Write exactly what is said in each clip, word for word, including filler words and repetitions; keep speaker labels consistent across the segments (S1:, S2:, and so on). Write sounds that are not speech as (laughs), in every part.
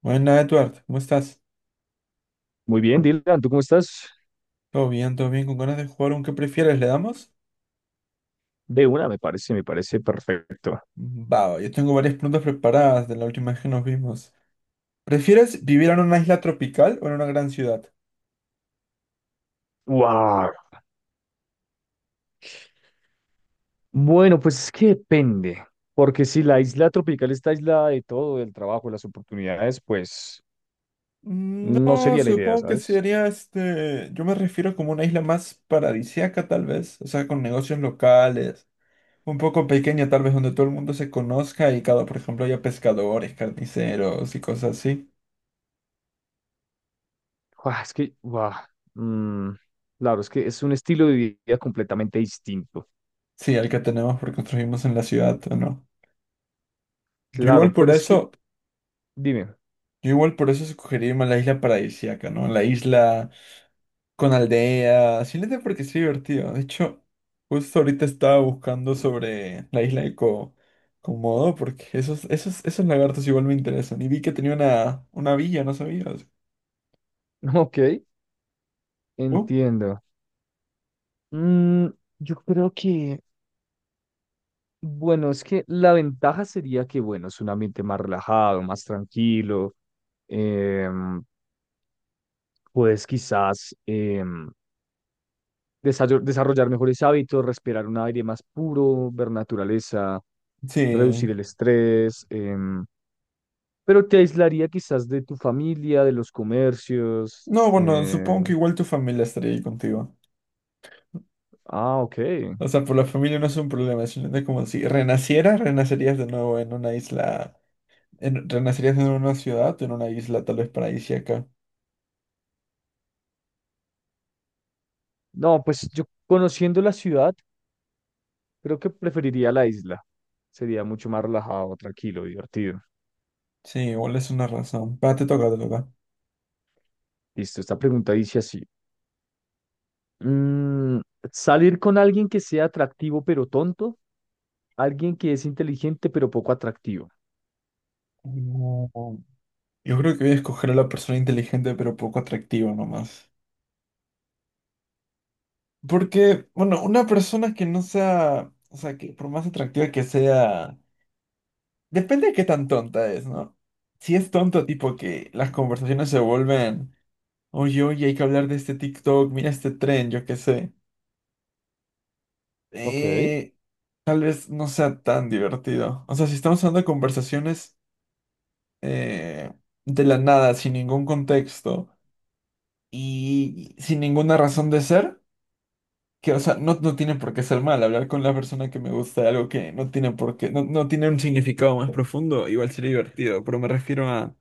S1: Buenas, Edward, ¿cómo estás?
S2: Muy bien, Dylan, ¿tú cómo estás?
S1: Todo bien, todo bien, con ganas de jugar un qué prefieres, ¿le damos?
S2: De una, me parece, me parece perfecto.
S1: Va, yo tengo varias preguntas preparadas de la última vez que nos vimos. ¿Prefieres vivir en una isla tropical o en una gran ciudad?
S2: Wow. Bueno, pues es que depende, porque si la isla tropical está aislada de todo, del trabajo, de las oportunidades, pues
S1: Mm,
S2: no
S1: No,
S2: sería la idea,
S1: supongo que
S2: ¿sabes?
S1: sería este. Yo me refiero como una isla más paradisíaca, tal vez. O sea, con negocios locales. Un poco pequeña, tal vez, donde todo el mundo se conozca y cada, por ejemplo, haya pescadores, carniceros y cosas así.
S2: Guau, es que, guau, mm, claro, es que es un estilo de vida completamente distinto.
S1: Sí, el que tenemos porque construimos en la ciudad, ¿o no? Yo
S2: Claro,
S1: igual por
S2: pero es que,
S1: eso.
S2: dime.
S1: Yo igual por eso escogería más la isla paradisíaca, ¿no? La isla con aldea, simplemente porque es divertido. De hecho, justo ahorita estaba buscando sobre la isla de Co Komodo, porque esos, esos, esos lagartos igual me interesan. Y vi que tenía una, una villa, ¿no sabías?
S2: (laughs) Ok,
S1: ¿Tú?
S2: entiendo. Mm, yo creo que, bueno, es que la ventaja sería que, bueno, es un ambiente más relajado, más tranquilo. em, Puedes quizás em, desayo- desarrollar mejores hábitos, respirar un aire más puro, ver naturaleza,
S1: Sí.
S2: reducir el estrés, em, pero te aislaría quizás de tu familia, de los comercios.
S1: No, bueno,
S2: eh,
S1: supongo que igual tu familia estaría ahí contigo.
S2: Ah, ok.
S1: O sea, por la familia no es un problema, simplemente como si renacieras, renacerías de nuevo en una isla, en- renacerías en una ciudad, en una isla tal vez paradisíaca.
S2: No, pues yo conociendo la ciudad, creo que preferiría la isla. Sería mucho más relajado, tranquilo, divertido.
S1: Sí, igual es una razón. Va, te toca, te toca.
S2: Listo, esta pregunta dice así. mm, ¿Salir con alguien que sea atractivo pero tonto? ¿Alguien que es inteligente pero poco atractivo?
S1: Mm, Yo creo que voy a escoger a la persona inteligente pero poco atractiva nomás. Porque, bueno, una persona que no sea, o sea, que por más atractiva que sea, depende de qué tan tonta es, ¿no? Si es tonto, tipo que las conversaciones se vuelven, oye, oye, hay que hablar de este TikTok, mira este tren, yo qué sé.
S2: Ok.
S1: Eh, tal vez no sea tan divertido. O sea, si estamos hablando de conversaciones eh, de la nada, sin ningún contexto. Y sin ninguna razón de ser, que, o sea, no, no tiene por qué ser mal. Hablar con la persona que me gusta de algo que no tiene por qué, no, no tiene un significado más profundo, igual sería divertido, pero me refiero a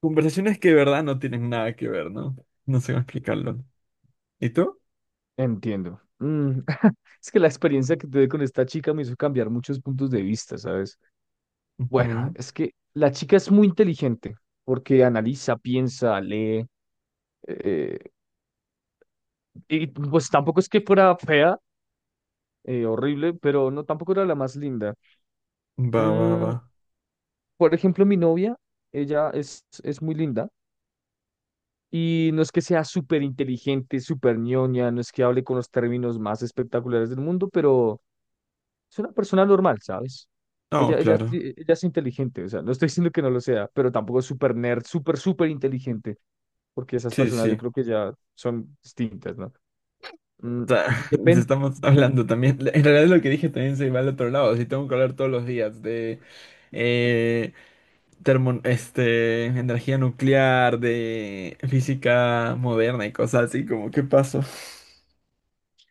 S1: conversaciones que de verdad no tienen nada que ver, ¿no? No sé cómo explicarlo. ¿Y tú?
S2: Entiendo. Mm, (laughs) es que la experiencia que tuve con esta chica me hizo cambiar muchos puntos de vista, ¿sabes? Bueno,
S1: Ujú.
S2: es que la chica es muy inteligente porque analiza, piensa, lee. eh, y pues tampoco es que fuera fea, eh, horrible, pero no tampoco era la más linda.
S1: Va, va, va.
S2: Mm, por ejemplo, mi novia, ella es, es muy linda. Y no es que sea súper inteligente, súper ñoña, no es que hable con los términos más espectaculares del mundo, pero es una persona normal, ¿sabes?
S1: No,
S2: Ella, ella, es
S1: claro.
S2: ti- ella es inteligente, o sea, no estoy diciendo que no lo sea, pero tampoco es súper nerd, súper, súper inteligente, porque esas
S1: Sí,
S2: personas yo
S1: sí.
S2: creo que ya son distintas, ¿no?
S1: O
S2: Mm,
S1: sea, (laughs)
S2: depen-
S1: estamos hablando también. En realidad lo que dije también se va al otro lado. Si tengo que hablar todos los días de termo- este, energía nuclear, de física moderna y cosas así, como qué pasó. (laughs)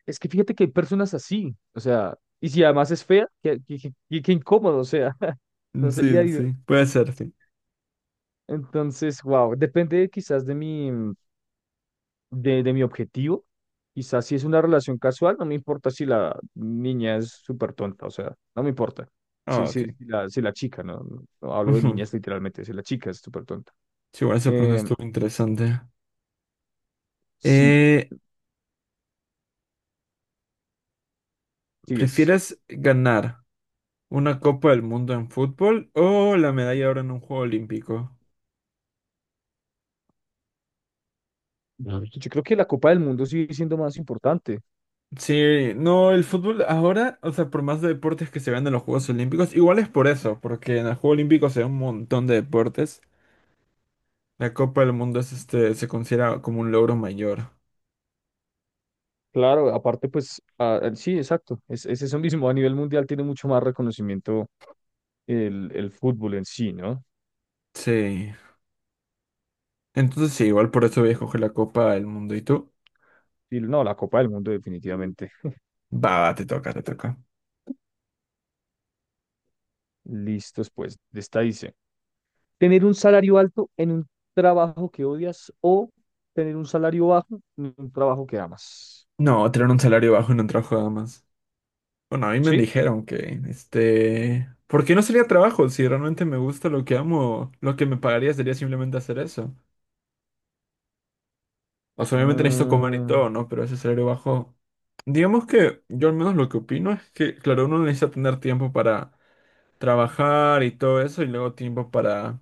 S2: es que fíjate que hay personas así, o sea, y si además es fea, qué, qué, qué- qué- qué incómodo, o sea, (laughs) no sería
S1: Sí, sí,
S2: divertido.
S1: puede
S2: ¿No?
S1: ser, sí.
S2: Entonces, wow, depende quizás de mi, de, de mi objetivo. Quizás si es una relación casual, no me importa si la niña es súper tonta, o sea, no me importa. Si,
S1: Ah, ok.
S2: si, si la, si la chica, no, no no hablo de
S1: Ujú.
S2: niñas literalmente, si la chica es súper tonta.
S1: Sí, bueno, esa pregunta
S2: Eh,
S1: estuvo interesante.
S2: sí,
S1: Eh,
S2: sigues.
S1: ¿prefieres ganar una Copa del Mundo en fútbol o la medalla ahora en un juego olímpico?
S2: Ujú. Yo creo que la Copa del Mundo sigue siendo más importante.
S1: Sí, no, el fútbol ahora, o sea, por más de deportes que se vean en los Juegos Olímpicos, igual es por eso, porque en el Juego Olímpico se ve un montón de deportes. La Copa del Mundo es este, se considera como un logro mayor.
S2: Claro, aparte, pues, ah, ah, sí, exacto. Es, es eso mismo. A nivel mundial tiene mucho más reconocimiento el, el fútbol en sí, ¿no?
S1: Sí. Entonces sí, igual por eso voy a escoger la Copa del Mundo. ¿Y tú?
S2: Y no, la Copa del Mundo definitivamente.
S1: Va, va, te toca, te toca.
S2: Listos, pues, de esta dice: tener un salario alto en un trabajo que odias o tener un salario bajo en un trabajo que amas.
S1: No, tener un salario bajo en un trabajo nada más. Bueno, a mí me
S2: Sí.
S1: dijeron que, este... ¿Por qué no sería trabajo? Si realmente me gusta lo que amo, lo que me pagaría sería simplemente hacer eso. O sea, obviamente necesito comer y
S2: Mm,
S1: todo, ¿no? Pero ese salario bajo... Digamos que yo al menos lo que opino es que, claro, uno necesita tener tiempo para trabajar y todo eso y luego tiempo para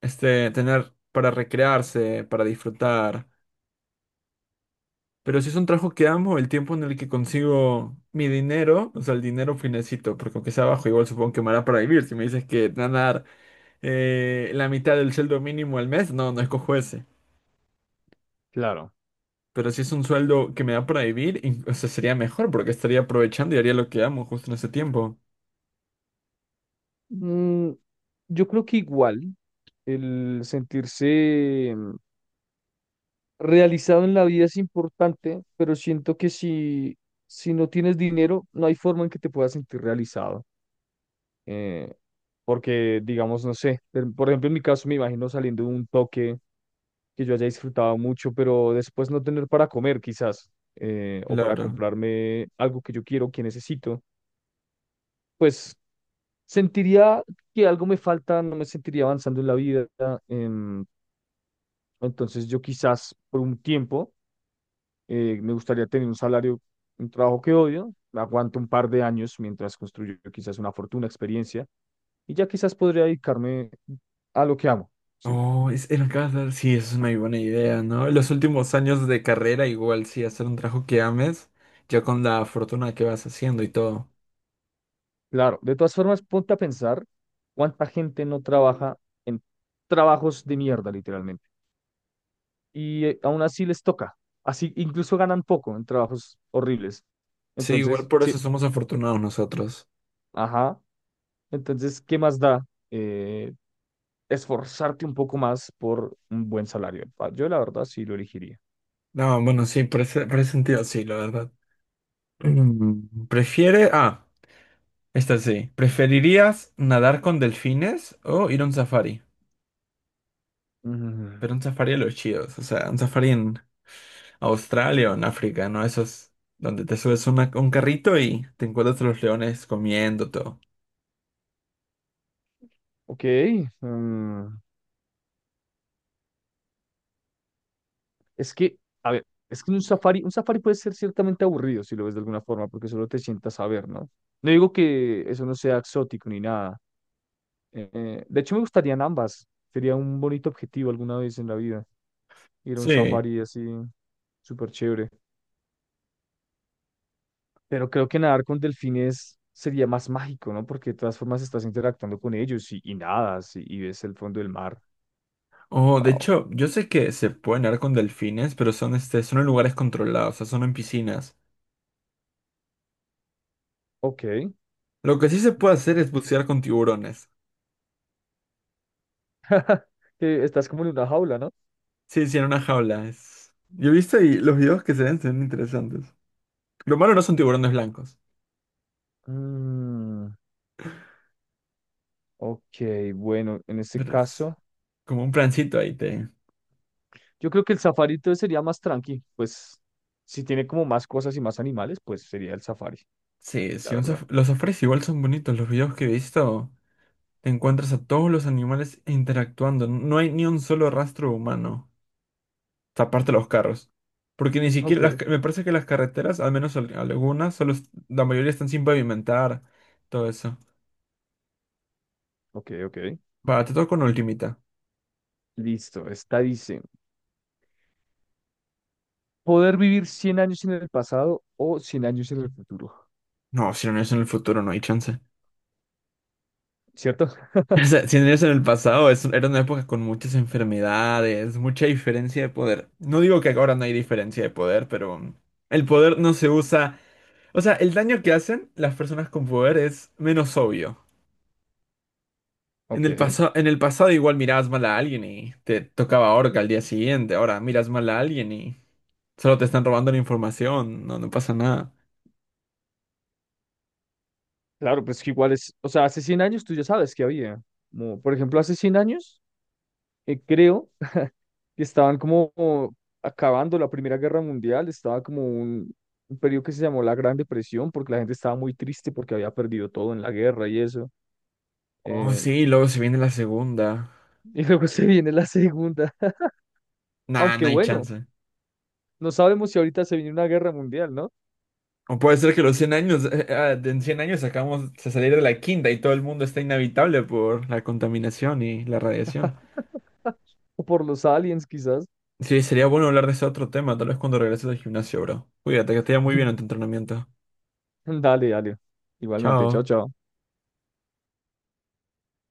S1: este, tener para recrearse, para disfrutar. Pero si es un trabajo que amo, el tiempo en el que consigo mi dinero, o sea, el dinero finecito, porque aunque sea bajo, igual supongo que me hará para vivir. Si me dices que te van a dar eh, la mitad del sueldo mínimo al mes, no, no escojo ese.
S2: claro.
S1: Pero si es un sueldo que me da para vivir, in- o sea, sería mejor porque estaría aprovechando y haría lo que amo justo en ese tiempo.
S2: Mm, yo creo que igual el sentirse mm, realizado en la vida es importante, pero siento que si, si no tienes dinero, no hay forma en que te puedas sentir realizado. eh, Porque, digamos, no sé, per- por ejemplo, en mi caso me imagino saliendo de un toque que yo haya disfrutado mucho, pero después no tener para comer quizás, eh, o para
S1: Claro.
S2: comprarme algo que yo quiero, que necesito, pues sentiría que algo me falta, no me sentiría avanzando en la vida. em, entonces yo quizás por un tiempo eh, me gustaría tener un salario, un trabajo que odio, aguanto un par de años mientras construyo quizás una fortuna, experiencia, y ya quizás podría dedicarme a lo que amo, ¿sí?
S1: Oh, es, era casa. Sí, eso es una buena idea, ¿no? Los últimos años de carrera, igual sí, hacer un trabajo que ames, ya con la fortuna que vas haciendo y todo.
S2: Claro, de todas formas, ponte a pensar cuánta gente no trabaja en trabajos de mierda, literalmente, y eh, aún así les toca, así incluso ganan poco en trabajos horribles.
S1: Sí, igual
S2: Entonces,
S1: por
S2: sí,
S1: eso somos afortunados nosotros.
S2: ajá, entonces, ¿qué más da eh, esforzarte un poco más por un buen salario? Ah, yo la verdad sí lo elegiría.
S1: No, bueno, sí, por ese, por ese sentido sí, la verdad. Mm, Prefiere. Ah, esta sí. ¿Preferirías nadar con delfines o ir a un safari? Pero
S2: Mm,
S1: un safari a los chidos, o sea, un safari en Australia o en África, ¿no? Esos donde te subes una- un carrito y te encuentras a los leones comiendo todo.
S2: ok, mm, es que, a ver, es que un safari, un safari puede ser ciertamente aburrido si lo ves de alguna forma, porque solo te sientas a ver, ¿no? No digo que eso no sea exótico ni nada. Eh, eh, de hecho, me gustarían ambas. Sería un bonito objetivo alguna vez en la vida, ir a un
S1: Sí.
S2: safari así, súper chévere. Pero creo que nadar con delfines sería más mágico, ¿no? Porque de todas formas estás interactuando con ellos y, y nadas y, y ves el fondo del mar.
S1: Oh, de
S2: Wow.
S1: hecho, yo sé que se puede nadar con delfines, pero son, este, son en lugares controlados, o sea, son en piscinas.
S2: Ok.
S1: Lo que sí se puede hacer es bucear con tiburones.
S2: (laughs) Eh, Estás como en una jaula, ¿no?
S1: Sí, sí, en una jaula. Es... Yo he visto y los videos que se ven son interesantes. Lo malo no son tiburones blancos,
S2: Mm. Ok, bueno, en este
S1: pero es
S2: caso,
S1: como un plancito ahí te...
S2: yo creo que el safari entonces sería más tranqui, pues si tiene como más cosas y más animales, pues sería el safari,
S1: Sí,
S2: la
S1: sí, un saf-
S2: verdad.
S1: los safaris igual son bonitos. Los videos que he visto, te encuentras a todos los animales interactuando. No hay ni un solo rastro humano. Taparte los carros. Porque ni siquiera,
S2: Ok,
S1: las ca- me parece que las carreteras, al menos al- algunas, solo, est- la mayoría están sin pavimentar, todo eso.
S2: ok, ok.
S1: Va, te toco con
S2: Mm,
S1: ultimita.
S2: Listo, esta dice: poder vivir cien años en el pasado o cien años en el futuro,
S1: No, si no es en el futuro, no hay chance.
S2: ¿cierto? (laughs)
S1: (laughs) O sea, si no es en el pasado, es, era una época con muchas enfermedades, mucha diferencia de poder. No digo que ahora no hay diferencia de poder, pero mm, el poder no se usa. O sea, el daño que hacen las personas con poder es menos obvio. En
S2: Ok,
S1: el pasado, en el pasado igual mirabas mal a alguien y te tocaba orca al día siguiente. Ahora miras mal a alguien y solo te están robando la información. No, no pasa nada.
S2: claro, pues que igual es, o sea, hace cien años tú ya sabes que había, como, por ejemplo, hace cien años, eh, creo que estaban como acabando la Primera Guerra Mundial, estaba como un, un periodo que se llamó la Gran Depresión, porque la gente estaba muy triste porque había perdido todo en la guerra y eso.
S1: Oh,
S2: eh,
S1: sí, luego se viene la segunda.
S2: y luego (laughs) se viene la segunda,
S1: Nah,
S2: aunque
S1: no hay
S2: bueno,
S1: chance.
S2: no sabemos si ahorita se viene una guerra mundial, ¿no?
S1: O puede ser que los cien años, eh, eh, ah, en cien años acabamos de salir de la quinta y todo el mundo está inhabitable por la contaminación y la radiación.
S2: O por los aliens quizás.
S1: Sí, sería bueno hablar de ese otro tema, tal vez cuando regreses al gimnasio, bro. Cuídate, que te vaya muy bien en tu
S2: (laughs)
S1: entrenamiento.
S2: Dale, dale. Igualmente, chao,
S1: Chao.
S2: chao.